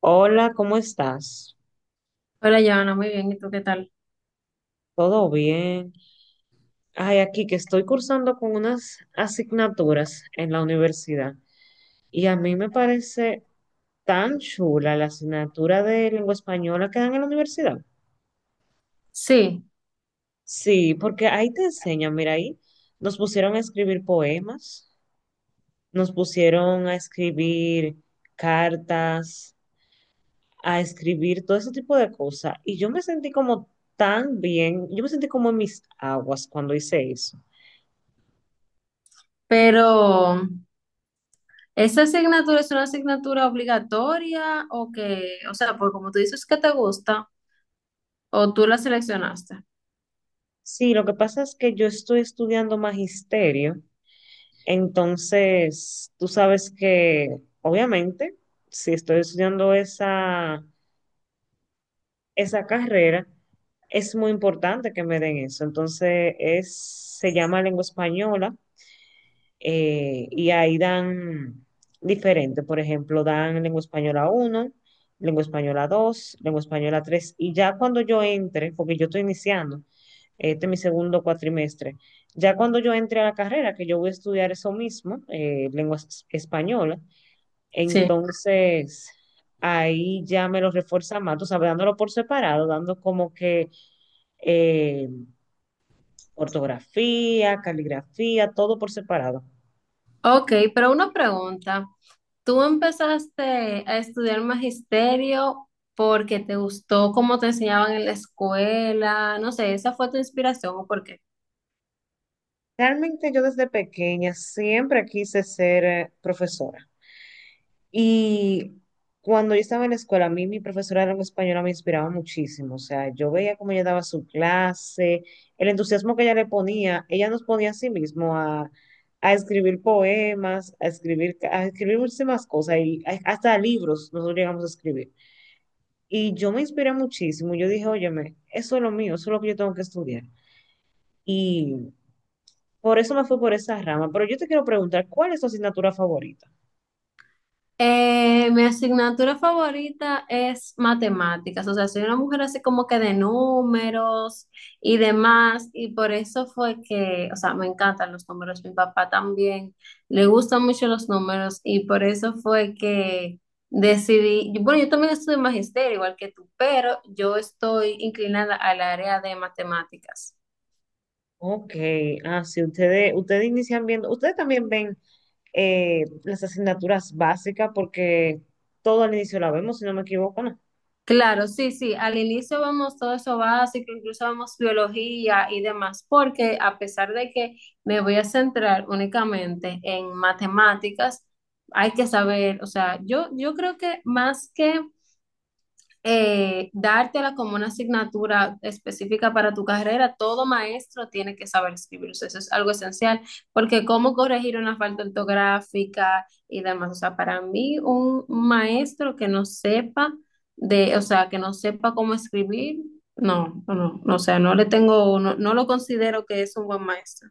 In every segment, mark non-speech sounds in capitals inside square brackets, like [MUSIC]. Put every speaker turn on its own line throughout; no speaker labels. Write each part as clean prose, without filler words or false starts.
Hola, ¿cómo estás?
Hola, Joana, muy bien. ¿Y tú qué tal?
¿Todo bien? Ay, aquí que estoy cursando con unas asignaturas en la universidad y a mí me parece tan chula la asignatura de lengua española que dan en la universidad.
Sí,
Sí, porque ahí te enseñan, mira, ahí nos pusieron a escribir poemas, nos pusieron a escribir cartas, a escribir todo ese tipo de cosas y yo me sentí como tan bien, yo me sentí como en mis aguas cuando hice eso.
pero ¿esa asignatura es una asignatura obligatoria o sea, pues como tú dices que te gusta o tú la seleccionaste?
Sí, lo que pasa es que yo estoy estudiando magisterio, entonces tú sabes que obviamente si estoy estudiando esa carrera, es muy importante que me den eso. Se llama lengua española y ahí dan diferente, por ejemplo, dan lengua española uno, lengua española 2, lengua española 3 y ya cuando yo entre, porque yo estoy iniciando, este es mi segundo cuatrimestre. Ya cuando yo entré a la carrera, que yo voy a estudiar eso mismo, lenguas españolas,
Sí.
entonces ahí ya me lo refuerza más, tú sabes, dándolo por separado, dando como que eh, ortografía, caligrafía, todo por separado.
Ok, pero una pregunta. ¿Tú empezaste a estudiar magisterio porque te gustó cómo te enseñaban en la escuela? No sé, ¿esa fue tu inspiración o por qué?
Realmente yo desde pequeña siempre quise ser profesora. Y cuando yo estaba en la escuela, a mí mi profesora de lengua española me inspiraba muchísimo. O sea, yo veía cómo ella daba su clase, el entusiasmo que ella le ponía. Ella nos ponía a sí mismo a escribir poemas, a escribir muchísimas cosas y hasta libros nosotros llegamos a escribir. Y yo me inspiré muchísimo. Yo dije, óyeme, eso es lo mío, eso es lo que yo tengo que estudiar. Por eso me fui por esa rama. Pero yo te quiero preguntar, ¿cuál es tu asignatura favorita?
Mi asignatura favorita es matemáticas, o sea, soy una mujer así como que de números y demás, y por eso fue que, o sea, me encantan los números, mi papá también le gustan mucho los números y por eso fue que decidí, bueno, yo también estudio magisterio igual que tú, pero yo estoy inclinada al área de matemáticas.
Ok, ah, sí, ustedes inician viendo, ustedes también ven las asignaturas básicas porque todo al inicio la vemos, si no me equivoco, ¿no?
Claro, sí, sí. Al inicio vemos todo eso básico, incluso vemos biología y demás, porque a pesar de que me voy a centrar únicamente en matemáticas, hay que saber, o sea, yo creo que más que dártela como una asignatura específica para tu carrera, todo maestro tiene que saber escribir, o sea, eso es algo esencial, porque cómo corregir una falta ortográfica y demás, o sea, para mí un maestro que no sepa de, o sea, que no sepa cómo escribir, no, no, no, o sea, no le tengo, no, no lo considero que es un buen maestro.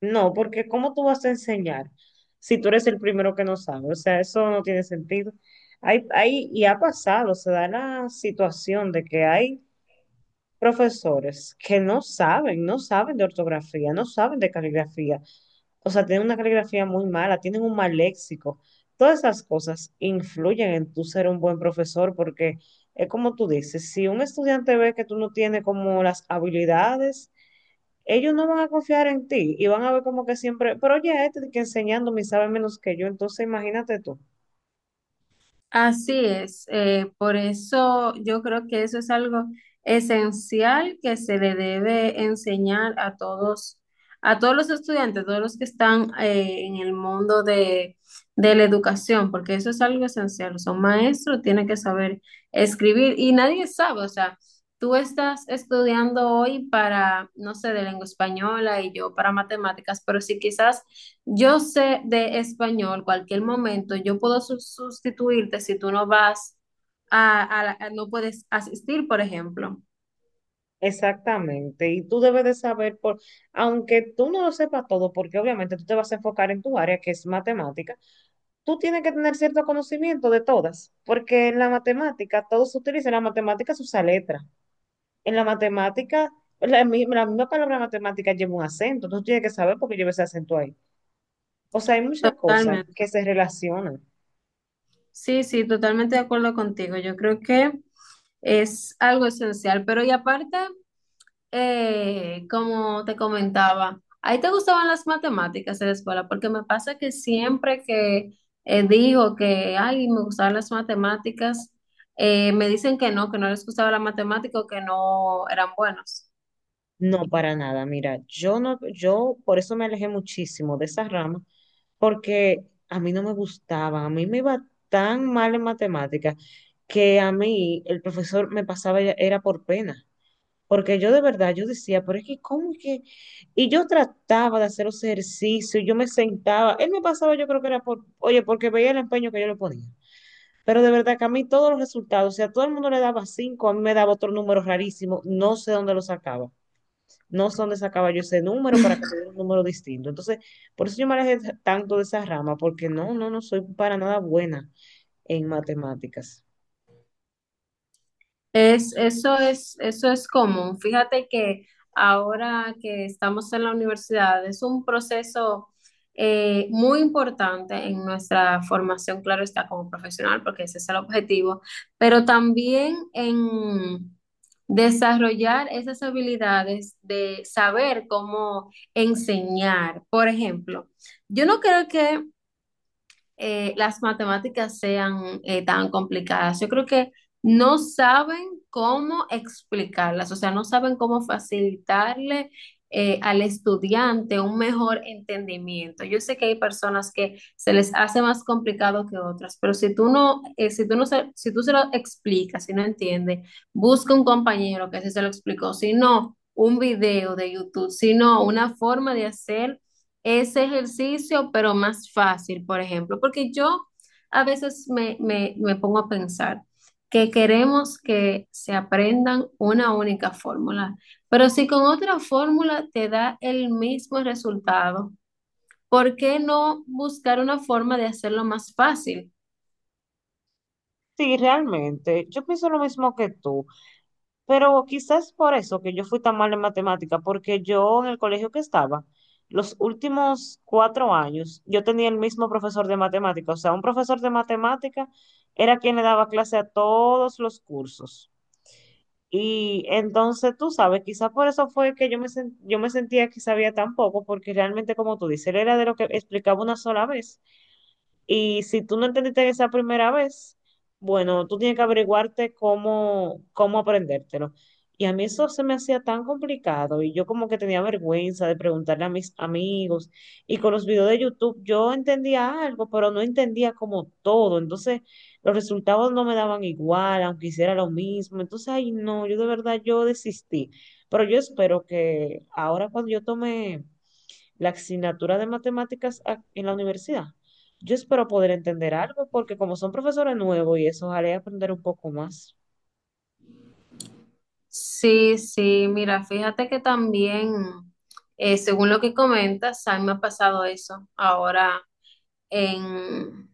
No, porque ¿cómo tú vas a enseñar si tú eres el primero que no sabe? O sea, eso no tiene sentido. Y ha pasado, se da la situación de que hay profesores que no saben, no saben de ortografía, no saben de caligrafía. O sea, tienen una caligrafía muy mala, tienen un mal léxico. Todas esas cosas influyen en tú ser un buen profesor porque es como tú dices, si un estudiante ve que tú no tienes como las habilidades, ellos no van a confiar en ti y van a ver como que siempre, pero ya este que enseñándome y sabe menos que yo, entonces imagínate tú.
Así es, por eso yo creo que eso es algo esencial que se le debe enseñar a todos los estudiantes, todos los que están en el mundo de la educación, porque eso es algo esencial. Son maestros, tienen que saber escribir y nadie sabe, o sea, tú estás estudiando hoy para, no sé, de lengua española y yo para matemáticas, pero si quizás... Yo sé de español, cualquier momento yo puedo sustituirte si tú no vas a, no puedes asistir, por ejemplo.
Exactamente, y tú debes de saber, aunque tú no lo sepas todo, porque obviamente tú te vas a enfocar en tu área, que es matemática, tú tienes que tener cierto conocimiento de todas, porque en la matemática todo se utiliza, en la matemática se usa letra, en la matemática, la misma palabra matemática lleva un acento, tú tienes que saber por qué lleva ese acento ahí. O sea, hay muchas cosas que
Totalmente.
se relacionan.
Sí, sí, totalmente de acuerdo contigo. Yo creo que es algo esencial, pero y aparte. Como te comentaba, ¿ahí te gustaban las matemáticas en la escuela? Porque me pasa que siempre que digo que, ay, me gustaban las matemáticas, me dicen que no les gustaba la matemática o que no eran buenos.
No, para nada. Mira, yo no, yo por eso me alejé muchísimo de esa rama, porque a mí no me gustaba, a mí me iba tan mal en matemáticas que a mí el profesor me pasaba era por pena, porque yo de verdad yo decía, pero es que cómo es que y yo trataba de hacer los ejercicios, yo me sentaba, él me pasaba, yo creo que era oye, porque veía el empeño que yo le ponía. Pero de verdad que a mí todos los resultados, o sea, a todo el mundo le daba cinco, a mí me daba otro número rarísimo, no sé dónde lo sacaba no sé dónde sacaba yo ese número para que me diera un número distinto. Entonces, por eso yo me alejé tanto de esa rama, porque no, no, no soy para nada buena en matemáticas.
Eso es común. Fíjate que ahora que estamos en la universidad es un proceso muy importante en nuestra formación, claro está, como profesional, porque ese es el objetivo, pero también en desarrollar esas habilidades de saber cómo enseñar. Por ejemplo, yo no creo que las matemáticas sean tan complicadas. Yo creo que no saben cómo explicarlas, o sea, no saben cómo facilitarle al estudiante un mejor entendimiento. Yo sé que hay personas que se les hace más complicado que otras, pero si tú no, si tú se lo explicas, si no entiende, busca un compañero que sí se lo explicó, si no, un video de YouTube, si no, una forma de hacer ese ejercicio, pero más fácil, por ejemplo, porque yo a veces me pongo a pensar que queremos que se aprendan una única fórmula, pero si con otra fórmula te da el mismo resultado, ¿por qué no buscar una forma de hacerlo más fácil?
Sí, realmente, yo pienso lo mismo que tú, pero quizás por eso que yo fui tan mal en matemáticas, porque yo en el colegio que estaba, los últimos 4 años, yo tenía el mismo profesor de matemáticas, o sea, un profesor de matemáticas era quien le daba clase a todos los cursos. Y entonces, tú sabes, quizá por eso fue que yo me sentía que sabía tan poco, porque realmente, como tú dices, él era de lo que explicaba una sola vez. Y si tú no entendiste esa primera vez, bueno, tú tienes que averiguarte cómo aprendértelo. Y a mí eso se me hacía tan complicado y yo como que tenía vergüenza de preguntarle a mis amigos. Y con los videos de YouTube yo entendía algo, pero no entendía como todo. Entonces los resultados no me daban igual, aunque hiciera lo mismo. Entonces, ay, no, yo de verdad yo desistí. Pero yo espero que ahora cuando yo tome la asignatura de matemáticas en la universidad. Yo espero poder entender algo porque como son profesores nuevos y eso, ojalá y aprender un poco más.
Sí, sí, mira, fíjate que también, según lo que comentas, a mí me ha pasado eso ahora en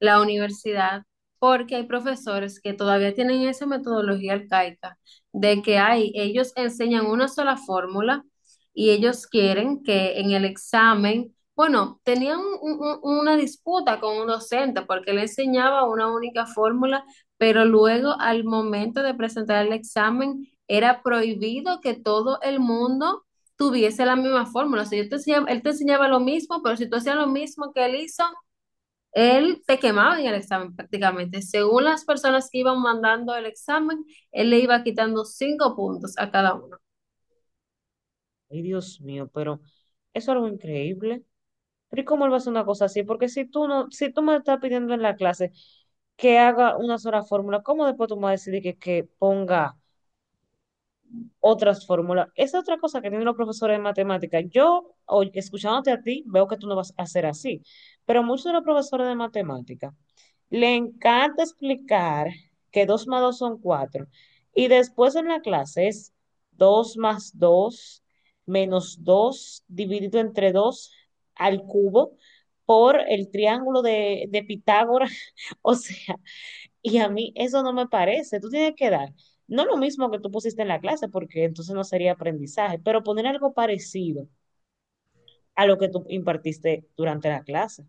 la universidad, porque hay profesores que todavía tienen esa metodología arcaica de que hay, ellos enseñan una sola fórmula y ellos quieren que en el examen, bueno, tenían una disputa con un docente porque le enseñaba una única fórmula, pero luego al momento de presentar el examen era prohibido que todo el mundo tuviese la misma fórmula. O sea, él te enseñaba lo mismo, pero si tú hacías lo mismo que él hizo, él te quemaba en el examen prácticamente. Según las personas que iban mandando el examen, él le iba quitando 5 puntos a cada uno.
Ay, Dios mío, pero eso es algo increíble. Pero ¿y cómo él va a hacer una cosa así? Porque si tú no, si tú me estás pidiendo en la clase que haga una sola fórmula, ¿cómo después tú me vas a decir que ponga otras fórmulas? Esa es otra cosa que tienen los profesores de matemática. Escuchándote a ti, veo que tú no vas a hacer así, pero muchos de los profesores de matemática le encanta explicar que dos más 2 son 4 y después en la clase es 2 más 2 menos 2 dividido entre 2 al cubo por el triángulo de Pitágoras. [LAUGHS] O sea, y a mí eso no me parece. Tú tienes que dar, no lo mismo que tú pusiste en la clase, porque entonces no sería aprendizaje, pero poner algo parecido a lo que tú impartiste durante la clase.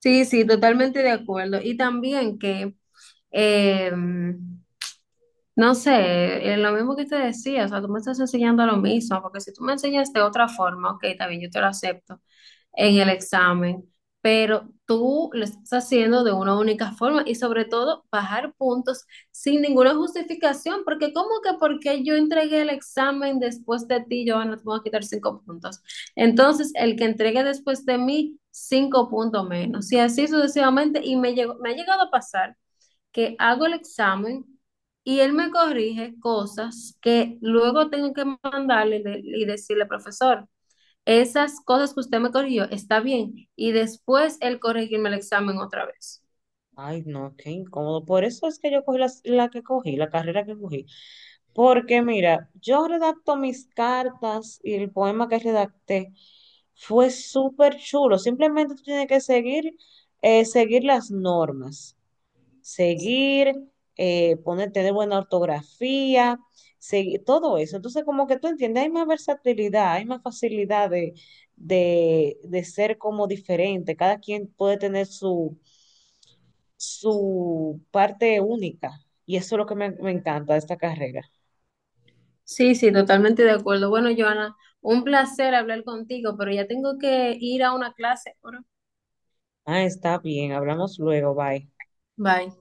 Sí, sí, totalmente de acuerdo. Y también que, eh, no sé, lo mismo que te decía, o sea, tú me estás enseñando lo mismo, porque si tú me enseñas de otra forma, ok, también yo te lo acepto, en el examen, pero tú lo estás haciendo de una única forma y sobre todo bajar puntos sin ninguna justificación, porque ¿cómo que porque yo entregué el examen después de ti, yo no te voy a quitar 5 puntos? Entonces, el que entregue después de mí, 5 puntos menos, y así sucesivamente, y me ha llegado a pasar que hago el examen. Y él me corrige cosas que luego tengo que mandarle y decirle, profesor, esas cosas que usted me corrigió, está bien. Y después él corregirme el examen otra vez.
Ay, no, qué incómodo. Por eso es que yo cogí la carrera que cogí. Porque mira, yo redacto mis cartas y el poema que redacté fue súper chulo. Simplemente tú tienes que seguir, seguir las normas. seguir, Poner, tener buena ortografía, todo eso. Entonces, como que tú entiendes, hay más versatilidad, hay más facilidad de ser como diferente. Cada quien puede tener su parte única. Y eso es lo que me encanta de esta carrera.
Sí, sí, totalmente de acuerdo. Bueno, Joana, un placer hablar contigo, pero ya tengo que ir a una clase ahora.
Ah, está bien, hablamos luego, bye.
Bye.